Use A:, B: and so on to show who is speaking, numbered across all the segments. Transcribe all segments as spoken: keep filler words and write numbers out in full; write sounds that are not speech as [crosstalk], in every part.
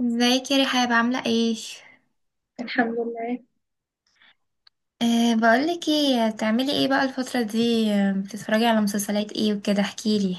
A: ازيك يا رحاب عاملة ايه؟
B: الحمد لله.
A: أه بقولك ايه تعملي ايه بقى الفترة دي، آه، بتتفرجي على مسلسلات ايه وكده احكيلي.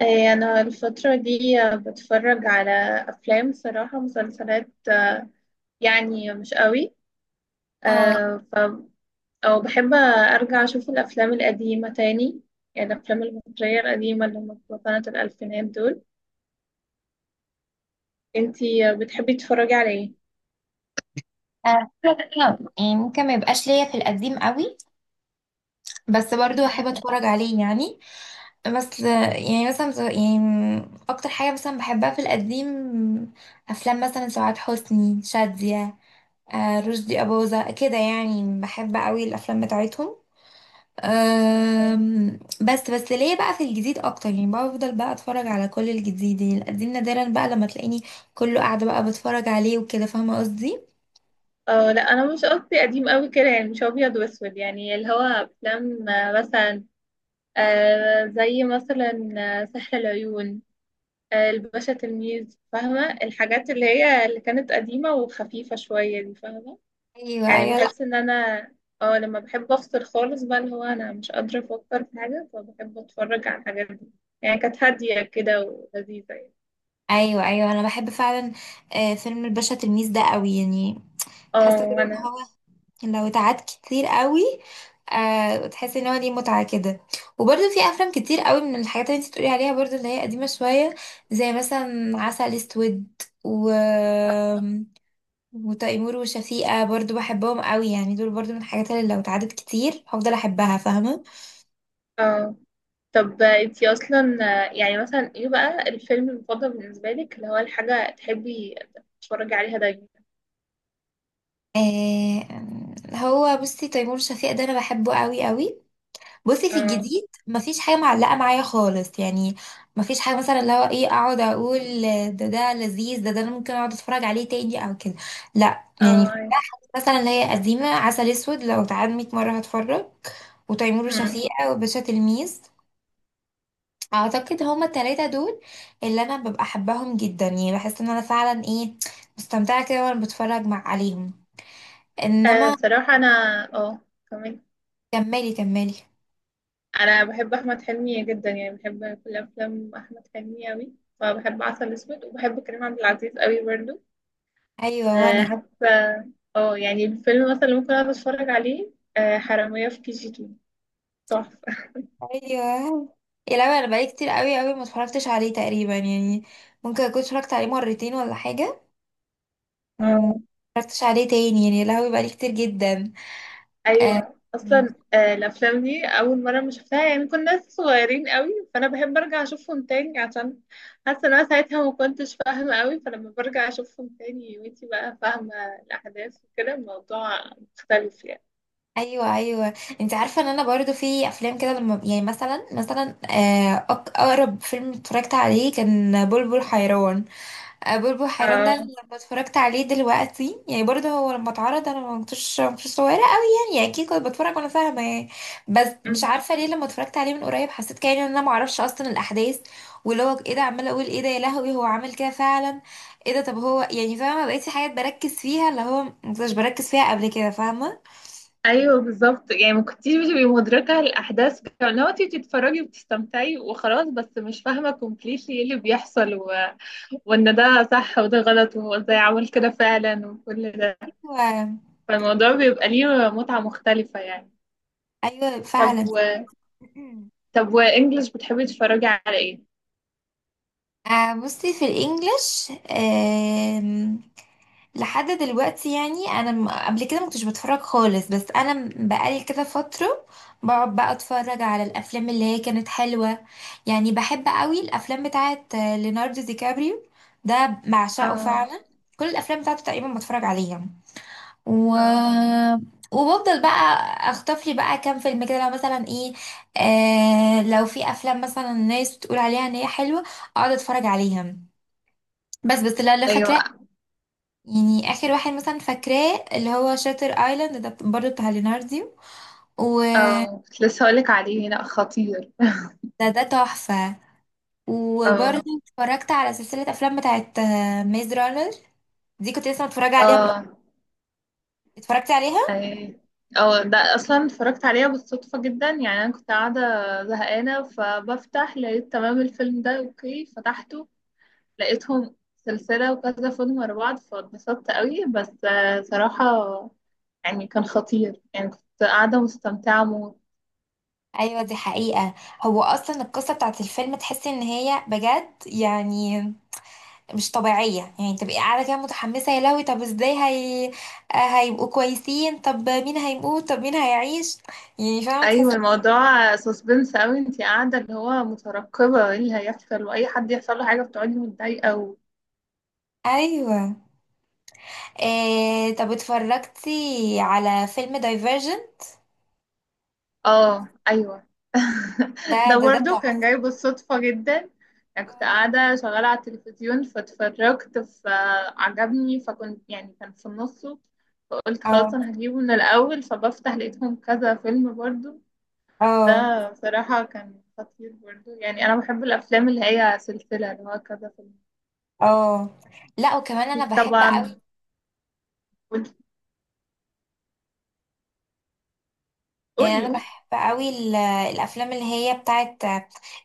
B: آه، أنا الفترة دي آه، بتفرج على أفلام صراحة، مسلسلات آه، يعني مش قوي.
A: اه.
B: آه، ف أو بحب أرجع أشوف الأفلام القديمة تاني، يعني الأفلام المصرية القديمة اللي هم بتوع سنة الألفينات دول. أنتي آه، بتحبي تتفرجي على إيه؟
A: آه، يعني ممكن ما يبقاش ليا في القديم قوي، بس برضو احب
B: مم.
A: اتفرج عليه يعني. بس يعني مثلا يعني اكتر حاجه مثلا بحبها في القديم افلام مثلا سعاد حسني شاديه، آه، رشدي اباظه كده يعني بحب قوي الافلام بتاعتهم. أم، بس بس ليه بقى في الجديد اكتر يعني بفضل بقى اتفرج على كل الجديد، يعني القديم نادرا بقى لما تلاقيني كله قاعده بقى بتفرج عليه وكده، فاهمه قصدي؟
B: اه، لا انا مش قصدي قديم قوي كده، يعني مش ابيض واسود، يعني اللي هو افلام آه، مثلا آه زي مثلا آه، سحر العيون، آه، الباشا تلميذ. فاهمة الحاجات اللي هي اللي كانت قديمة وخفيفة شوية دي؟ فاهمة
A: ايوه
B: يعني،
A: ايوه لا.
B: بحس ان انا اه، لما بحب افصل خالص بقى، اللي هو انا مش قادرة افكر في حاجة، فبحب اتفرج على الحاجات دي. يعني كانت هادية كده ولذيذة يعني.
A: ايوه ايوه انا بحب فعلا. آه، فيلم الباشا تلميذ ده قوي يعني، بحس
B: اه
A: كده ان
B: وانا
A: هو لو اتعاد كتير قوي أه تحس ان هو ليه متعه كده. وبرده في افلام كتير قوي من الحاجات اللي انت بتقولي عليها برده اللي هي قديمه شويه، زي مثلا عسل اسود، و وتيمور وشفيقة برضو بحبهم قوي، يعني دول برضو من الحاجات اللي لو اتعدت كتير هفضل احبها، فاهمة؟
B: اه، طب انتي اصلا آه، يعني مثلا ايه بقى الفيلم المفضل بالنسبة لك، اللي هو الحاجة تحبي تتفرجي عليها دايما؟
A: آه هو بصي تيمور وشفيقة ده انا بحبه قوي قوي. بصي في
B: اه.
A: الجديد مفيش حاجة معلقة معايا خالص يعني، مفيش حاجة مثلا اللي هو ايه اقعد اقول ده ده لذيذ، ده ده انا ممكن اقعد اتفرج عليه تاني او كده، لا يعني.
B: اه، أيوة.
A: مثلا اللي هي قديمة عسل اسود لو اتعاد مية مرة هتفرج، وتيمور
B: مم.
A: وشفيقة وباشا تلميذ. اعتقد هما التلاتة دول اللي انا ببقى احبهم جدا، يعني بحس ان انا فعلا ايه مستمتعة كده وانا بتفرج مع عليهم.
B: آه،
A: انما
B: صراحة انا اه، كمان
A: كملي كملي.
B: انا بحب احمد حلمي جدا، يعني بحب كل افلام احمد حلمي قوي. فبحب عسل اسود، وبحب كريم عبد العزيز قوي برضو.
A: ايوه
B: أه
A: وانا.
B: حتى اه، يعني الفيلم مثلا اللي ممكن اقعد اتفرج عليه، أه، حرامية في كي جي اتنين. تحفة.
A: ايوه يا لا انا بقالي كتير قوي قوي ما اتفرجتش عليه تقريبا يعني، ممكن اكون اتفرجت عليه مرتين ولا حاجة. مم، ما
B: اه
A: اتفرجتش عليه تاني يعني، يا لهوي بقالي كتير جدا. آه،
B: ايوه، اصلا أه الافلام دي اول مرة ما شفتها يعني كنا ناس صغيرين قوي، فانا بحب ارجع اشوفهم تاني عشان حاسة ان انا ساعتها ما كنتش فاهمة قوي، فلما برجع اشوفهم تاني وانتي بقى فاهمة الاحداث وكده، الموضوع مختلف يعني.
A: ايوه ايوه. انت عارفه ان انا برضو في افلام كده لما يعني مثلا مثلا آه، أق- اقرب فيلم اتفرجت عليه كان بلبل حيران. آه، بلبل حيران ده
B: اه
A: أنا لما اتفرجت عليه دلوقتي يعني برضه هو لما اتعرض انا ما كنتش ما كنتش صغيره قوي يعني يعني اكيد كنت بتفرج وانا فاهمه يعني. بس مش عارفه ليه لما اتفرجت عليه من قريب حسيت كأني ان انا ما اعرفش اصلا الاحداث، واللي هو ايه ده عماله اقول ايه ده، يا لهوي هو عامل كده فعلا؟ ايه ده؟ طب هو يعني فاهمه بقيت في حاجات بركز فيها اللي هو ما كنتش بركز فيها قبل كده، فاهمه؟
B: ايوه بالظبط، يعني ما كنتيش بتبقي مدركه الاحداث بتاع، لو انت بتتفرجي وبتستمتعي وخلاص، بس مش فاهمه كومبليتلي ايه اللي بيحصل، و... وان ده صح وده غلط وهو ازاي عمل كده فعلا، وكل ده.
A: ايوه.
B: فالموضوع بيبقى ليه متعه مختلفه يعني.
A: أيوة،
B: طب
A: فعلا.
B: و،
A: [clears throat]
B: طب وانجلش بتحبي تتفرجي على ايه؟
A: آه بصي في الانجليش لحد دلوقتي يعني انا م- قبل كده ما كنتش بتفرج خالص، بس انا م- بقالي كده فتره بقعد بقى اتفرج على الافلام اللي هي كانت حلوه. يعني بحب قوي الافلام بتاعت آه، ليوناردو دي كابريو، ده بعشقه
B: اه.
A: فعلا. كل الافلام بتاعته تقريبا بتفرج عليها، و...
B: اه
A: وبفضل بقى اخطف لي بقى كام فيلم كده لو مثلا ايه. آه لو في افلام مثلا الناس بتقول عليها ان هي حلوه اقعد اتفرج عليها، بس بس لا لا
B: ايوه،
A: فاكره. يعني اخر واحد مثلا فاكراه اللي هو شاتر ايلاند ده برضو بتاع ليناردو، وده
B: اه كنت لسه هقولك عليه، لا خطير.
A: ده ده تحفة. وبرضو
B: اه.
A: اتفرجت على سلسلة افلام بتاعت ميز رانر، دي كنت لسه متفرجة عليها من.
B: اه
A: اتفرجتي عليها؟
B: ايه، او ده اصلا اتفرجت عليها بالصدفة جدا، يعني انا كنت قاعدة زهقانة، فبفتح لقيت تمام الفيلم ده، اوكي فتحته، لقيتهم سلسلة وكذا فيلم ورا بعض، فاتبسطت قوي. بس آه، صراحة يعني كان خطير، يعني كنت قاعدة مستمتعة موت.
A: ايوه دي حقيقة. هو اصلا القصة بتاعت الفيلم تحسي ان هي بجد يعني مش طبيعية، يعني تبقي قاعدة كده متحمسة يا لهوي طب ازاي هي، آه، هيبقوا كويسين؟ طب مين هيموت؟ طب مين هيعيش؟ يعني فاهمة
B: ايوه
A: تحسي.
B: الموضوع سسبنس قوي، انتي قاعدة اللي هو مترقبة ايه اللي هيحصل، واي حد يحصل له حاجة بتقعدي متضايقة.
A: ايوه. إيه طب اتفرجتي على فيلم دايفرجن؟
B: اه ايوه. [laughs]
A: ده
B: ده
A: ده ده
B: برضو كان جاي
A: تحفة.
B: بالصدفة جدا. انا كنت قاعدة شغالة على التلفزيون فاتفرجت، فعجبني، فكنت يعني كان في نصه، فقلت خلاص
A: اه،
B: انا هجيبه من الاول، فبفتح لقيتهم كذا فيلم برضو.
A: اه،
B: ده بصراحة كان خطير برضو، يعني انا بحب الافلام اللي هي سلسلة، اللي هو كذا فيلم.
A: اه، لا وكمان انا
B: اكيد
A: بحب قوي.
B: طبعا. قولي،
A: يعني
B: قولي
A: انا
B: قولي.
A: بحب قوي ال- الافلام اللي هي بتاعت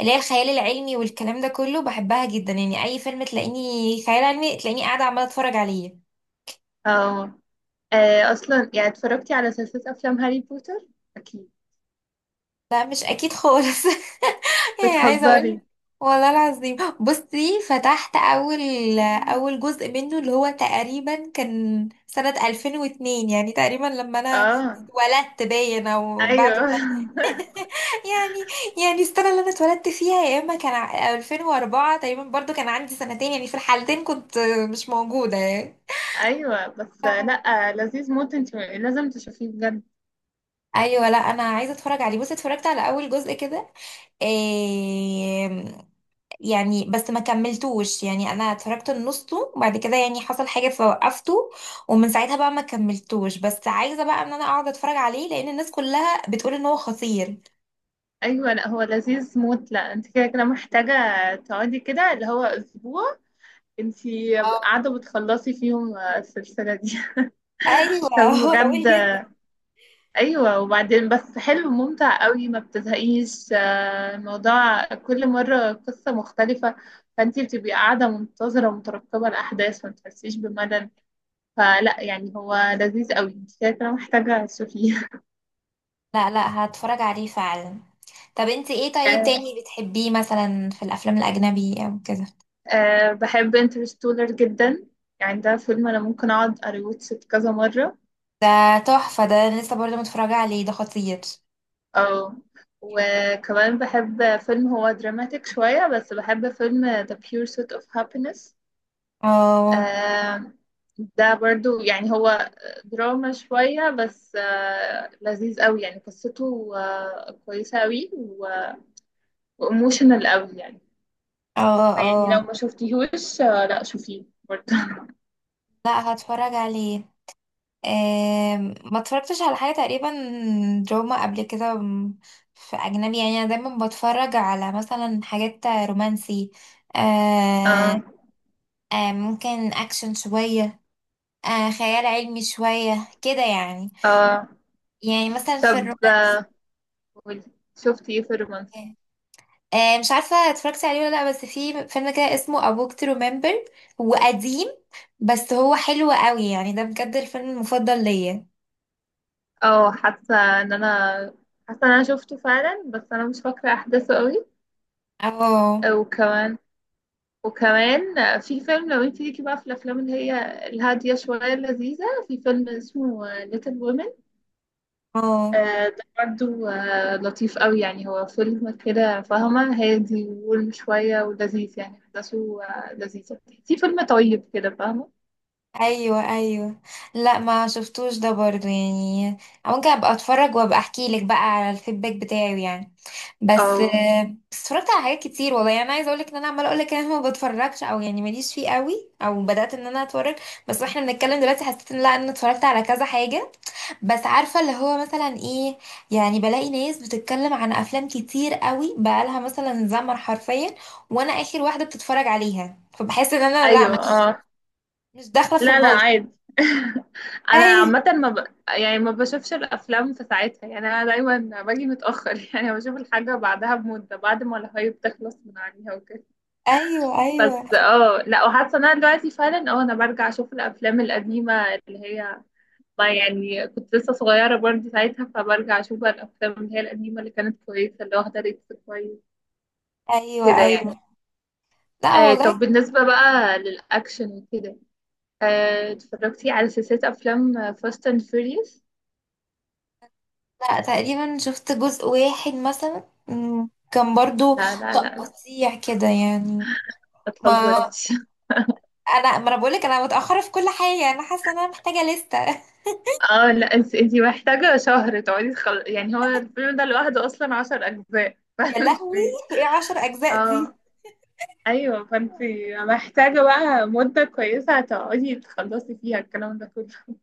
A: اللي هي الخيال العلمي والكلام ده كله بحبها جدا، يعني اي فيلم تلاقيني خيال علمي تلاقيني قاعدة عمالة اتفرج عليه.
B: اه. آه، اصلا يعني، اتفرجتي على سلسلة افلام هاري بوتر؟ اكيد.
A: لا مش اكيد خالص [laughs] ايه عايزه [laughs] اقول.
B: بتهزري.
A: والله العظيم بصي فتحت اول اول جزء منه اللي هو تقريبا كان سنه ألفين واتنين، يعني تقريبا لما انا
B: اه
A: اتولدت باين او بعد
B: ايوه.
A: ما [laughs]
B: [laughs]
A: يعني يعني السنه اللي انا اتولدت فيها، يا اما كان ع- ألفين وأربعة تقريبا برضو كان عندي سنتين، يعني في الحالتين كنت مش موجوده يعني.
B: ايوه بس، لا لذيذ موت، انت لازم تشوفيه بجد.
A: ايوه لا انا عايزه اتفرج عليه. بصي اتفرجت على اول جزء كده إيه يعني، بس ما كملتوش يعني، انا اتفرجت نصه وبعد كده يعني حصل حاجه فوقفته، ومن ساعتها بقى ما كملتوش. بس عايزه بقى ان انا اقعد اتفرج عليه لان الناس كلها بتقول ان هو خطير.
B: ايوه، لا هو لذيذ موت، لا انت كده كده محتاجه تقعدي كده، اللي هو اسبوع انت
A: اه،
B: قاعده بتخلصي فيهم السلسله دي.
A: ايوه
B: [laughs] طب
A: [laughs] هو طويل
B: بجد
A: جدا.
B: ايوه، وبعدين بس حلو ممتع قوي، ما بتزهقيش. آه، الموضوع كل مره قصه مختلفه، فانت بتبقي قاعده منتظره ومترقبه الاحداث، ما بتحسيش بملل. فلا يعني هو لذيذ قوي، انت كده كده محتاجه تشوفيه.
A: لا لا هتفرج عليه فعلا. طب انت ايه طيب
B: [laughs]
A: تاني بتحبيه مثلا في الافلام الاجنبي او كده؟
B: أه بحب انترستولر جدا، يعني ده فيلم انا ممكن اقعد اريوتش كذا مرة.
A: ده تحفه، ده أنا لسه برضه متفرجه عليه، ده خطير.
B: او، وكمان بحب فيلم هو دراماتيك شوية، بس بحب فيلم The Pursuit of Happiness.
A: اه،
B: أه ده برضو، يعني هو دراما شوية بس أه لذيذ قوي، يعني قصته أه كويسة قوي وإيموشنال قوي يعني.
A: اه،
B: فيعني لو
A: اه،
B: ما شفتيهوش أه لا شوفيه برضو. [laughs]
A: لا هتفرج عليه. آم، ما اتفرجتش على حاجة تقريبا دراما قبل كده م- في أجنبي، يعني أنا دايما بتفرج على مثلا حاجات رومانسي، آه،
B: اه.
A: آه، ممكن أكشن شوية، آه، خيال علمي شوية كده يعني.
B: اه
A: يعني مثلا في
B: طب،
A: الرومانسي
B: آه، قولي، شفتي ايه في الرومانسي؟
A: آه، مش عارفة اتفرجتي عليه ولا لأ، بس في فيلم كده اسمه A Walk to Remember، هو قديم بس هو حلو قوي يعني، ده بجد الفيلم المفضل ليا.
B: اه حاسه ان انا، حاسه ان انا شفته فعلا بس انا مش فاكره احداثه قوي.
A: اه،
B: وكمان وكمان في فيلم، لو انت ليكي بقى في الافلام اللي هي الهاديه شويه اللذيذه، في فيلم اسمه ليتل وومن.
A: اه،
B: ده برضه آه، لطيف قوي، يعني هو فيلم كده فاهمه، هادي وورم شويه ولذيذ، يعني احداثه آه، لذيذه. في فيلم طيب كده فاهمه.
A: ايوه ايوه لا ما شفتوش ده برضو يعني، ممكن ابقى اتفرج وابقى احكي لك بقى على الفيدباك بتاعه يعني. بس
B: اه
A: بس اتفرجت على حاجات كتير والله، يعني انا عايزه اقول لك ان انا عماله اقول لك ان انا ما بتفرجش او يعني ماليش فيه قوي او بدات ان انا اتفرج. بس واحنا بنتكلم دلوقتي حسيت ان لا انا اتفرجت على كذا حاجه، بس عارفه اللي هو مثلا ايه، يعني بلاقي ناس بتتكلم عن افلام كتير قوي بقالها مثلا زمن حرفيا وانا اخر واحده بتتفرج عليها، فبحس ان انا لا
B: ايوه.
A: مش
B: اه
A: مش داخله في
B: لا لا
A: الموضوع.
B: عادي. [laughs]
A: [laughs]
B: انا
A: أيوه.
B: عامه ما ب، يعني ما بشوفش الافلام في ساعتها، يعني انا دايما باجي متاخر، [laughs] يعني بشوف الحاجه بعدها بمده، بعد ما الهايب تخلص من عليها وكده.
A: ايوه ايوه
B: بس اه لا، وحاسه ان انا دلوقتي فعلا اه، انا برجع اشوف الافلام القديمه اللي هي، ما يعني كنت لسه صغيره برضه ساعتها، فبرجع اشوف بقى الافلام اللي هي القديمه، اللي كانت كويسه اللي واخده ريتس كويس
A: ايوه
B: كده يعني.
A: ايوه. لا
B: آه
A: والله.
B: طب بالنسبه بقى للاكشن وكده، آه اتفرجتي على سلسله افلام فاست اند فيوريوس؟
A: لا تقريبا شفت جزء واحد مثلا مم، كان برضو
B: لا لا لا لا
A: تقطيع كده يعني.
B: ما
A: ما
B: تهزريش.
A: انا ما انا بقولك انا متاخره في كل حاجه يعني انا حاسه ان انا محتاجه لستة [laughs]
B: اه لا انت، انت محتاجة شهر تقعدي تخل، يعني هو الفيلم ده لوحده اصلا عشر اجزاء. [laughs]
A: يا
B: فانت
A: لهوي، ايه عشر اجزاء دي؟
B: اه ايوه، فانت محتاجة بقى مدة كويسة تقعدي تخلصي فيها الكلام ده كله.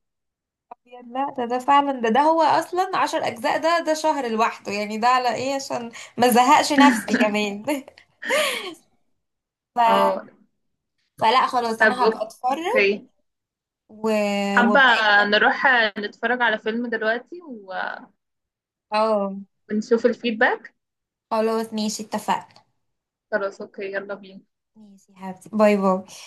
A: يا لا ده ده فعلا، ده ده هو اصلا عشر اجزاء، ده ده شهر لوحده يعني، ده على ايه عشان ما زهقش نفسي كمان [laughs] ف...
B: اه
A: فلا خلاص
B: طب
A: انا هبقى اتفرج،
B: اوكي،
A: و...
B: حابة
A: وابقى اجي بقى-
B: نروح نتفرج على فيلم دلوقتي و-
A: اه
B: ونشوف الفيدباك.
A: خلاص ماشي اتفقنا.
B: خلاص اوكي، يلا بينا.
A: ماشي يا حبيبتي باي باي.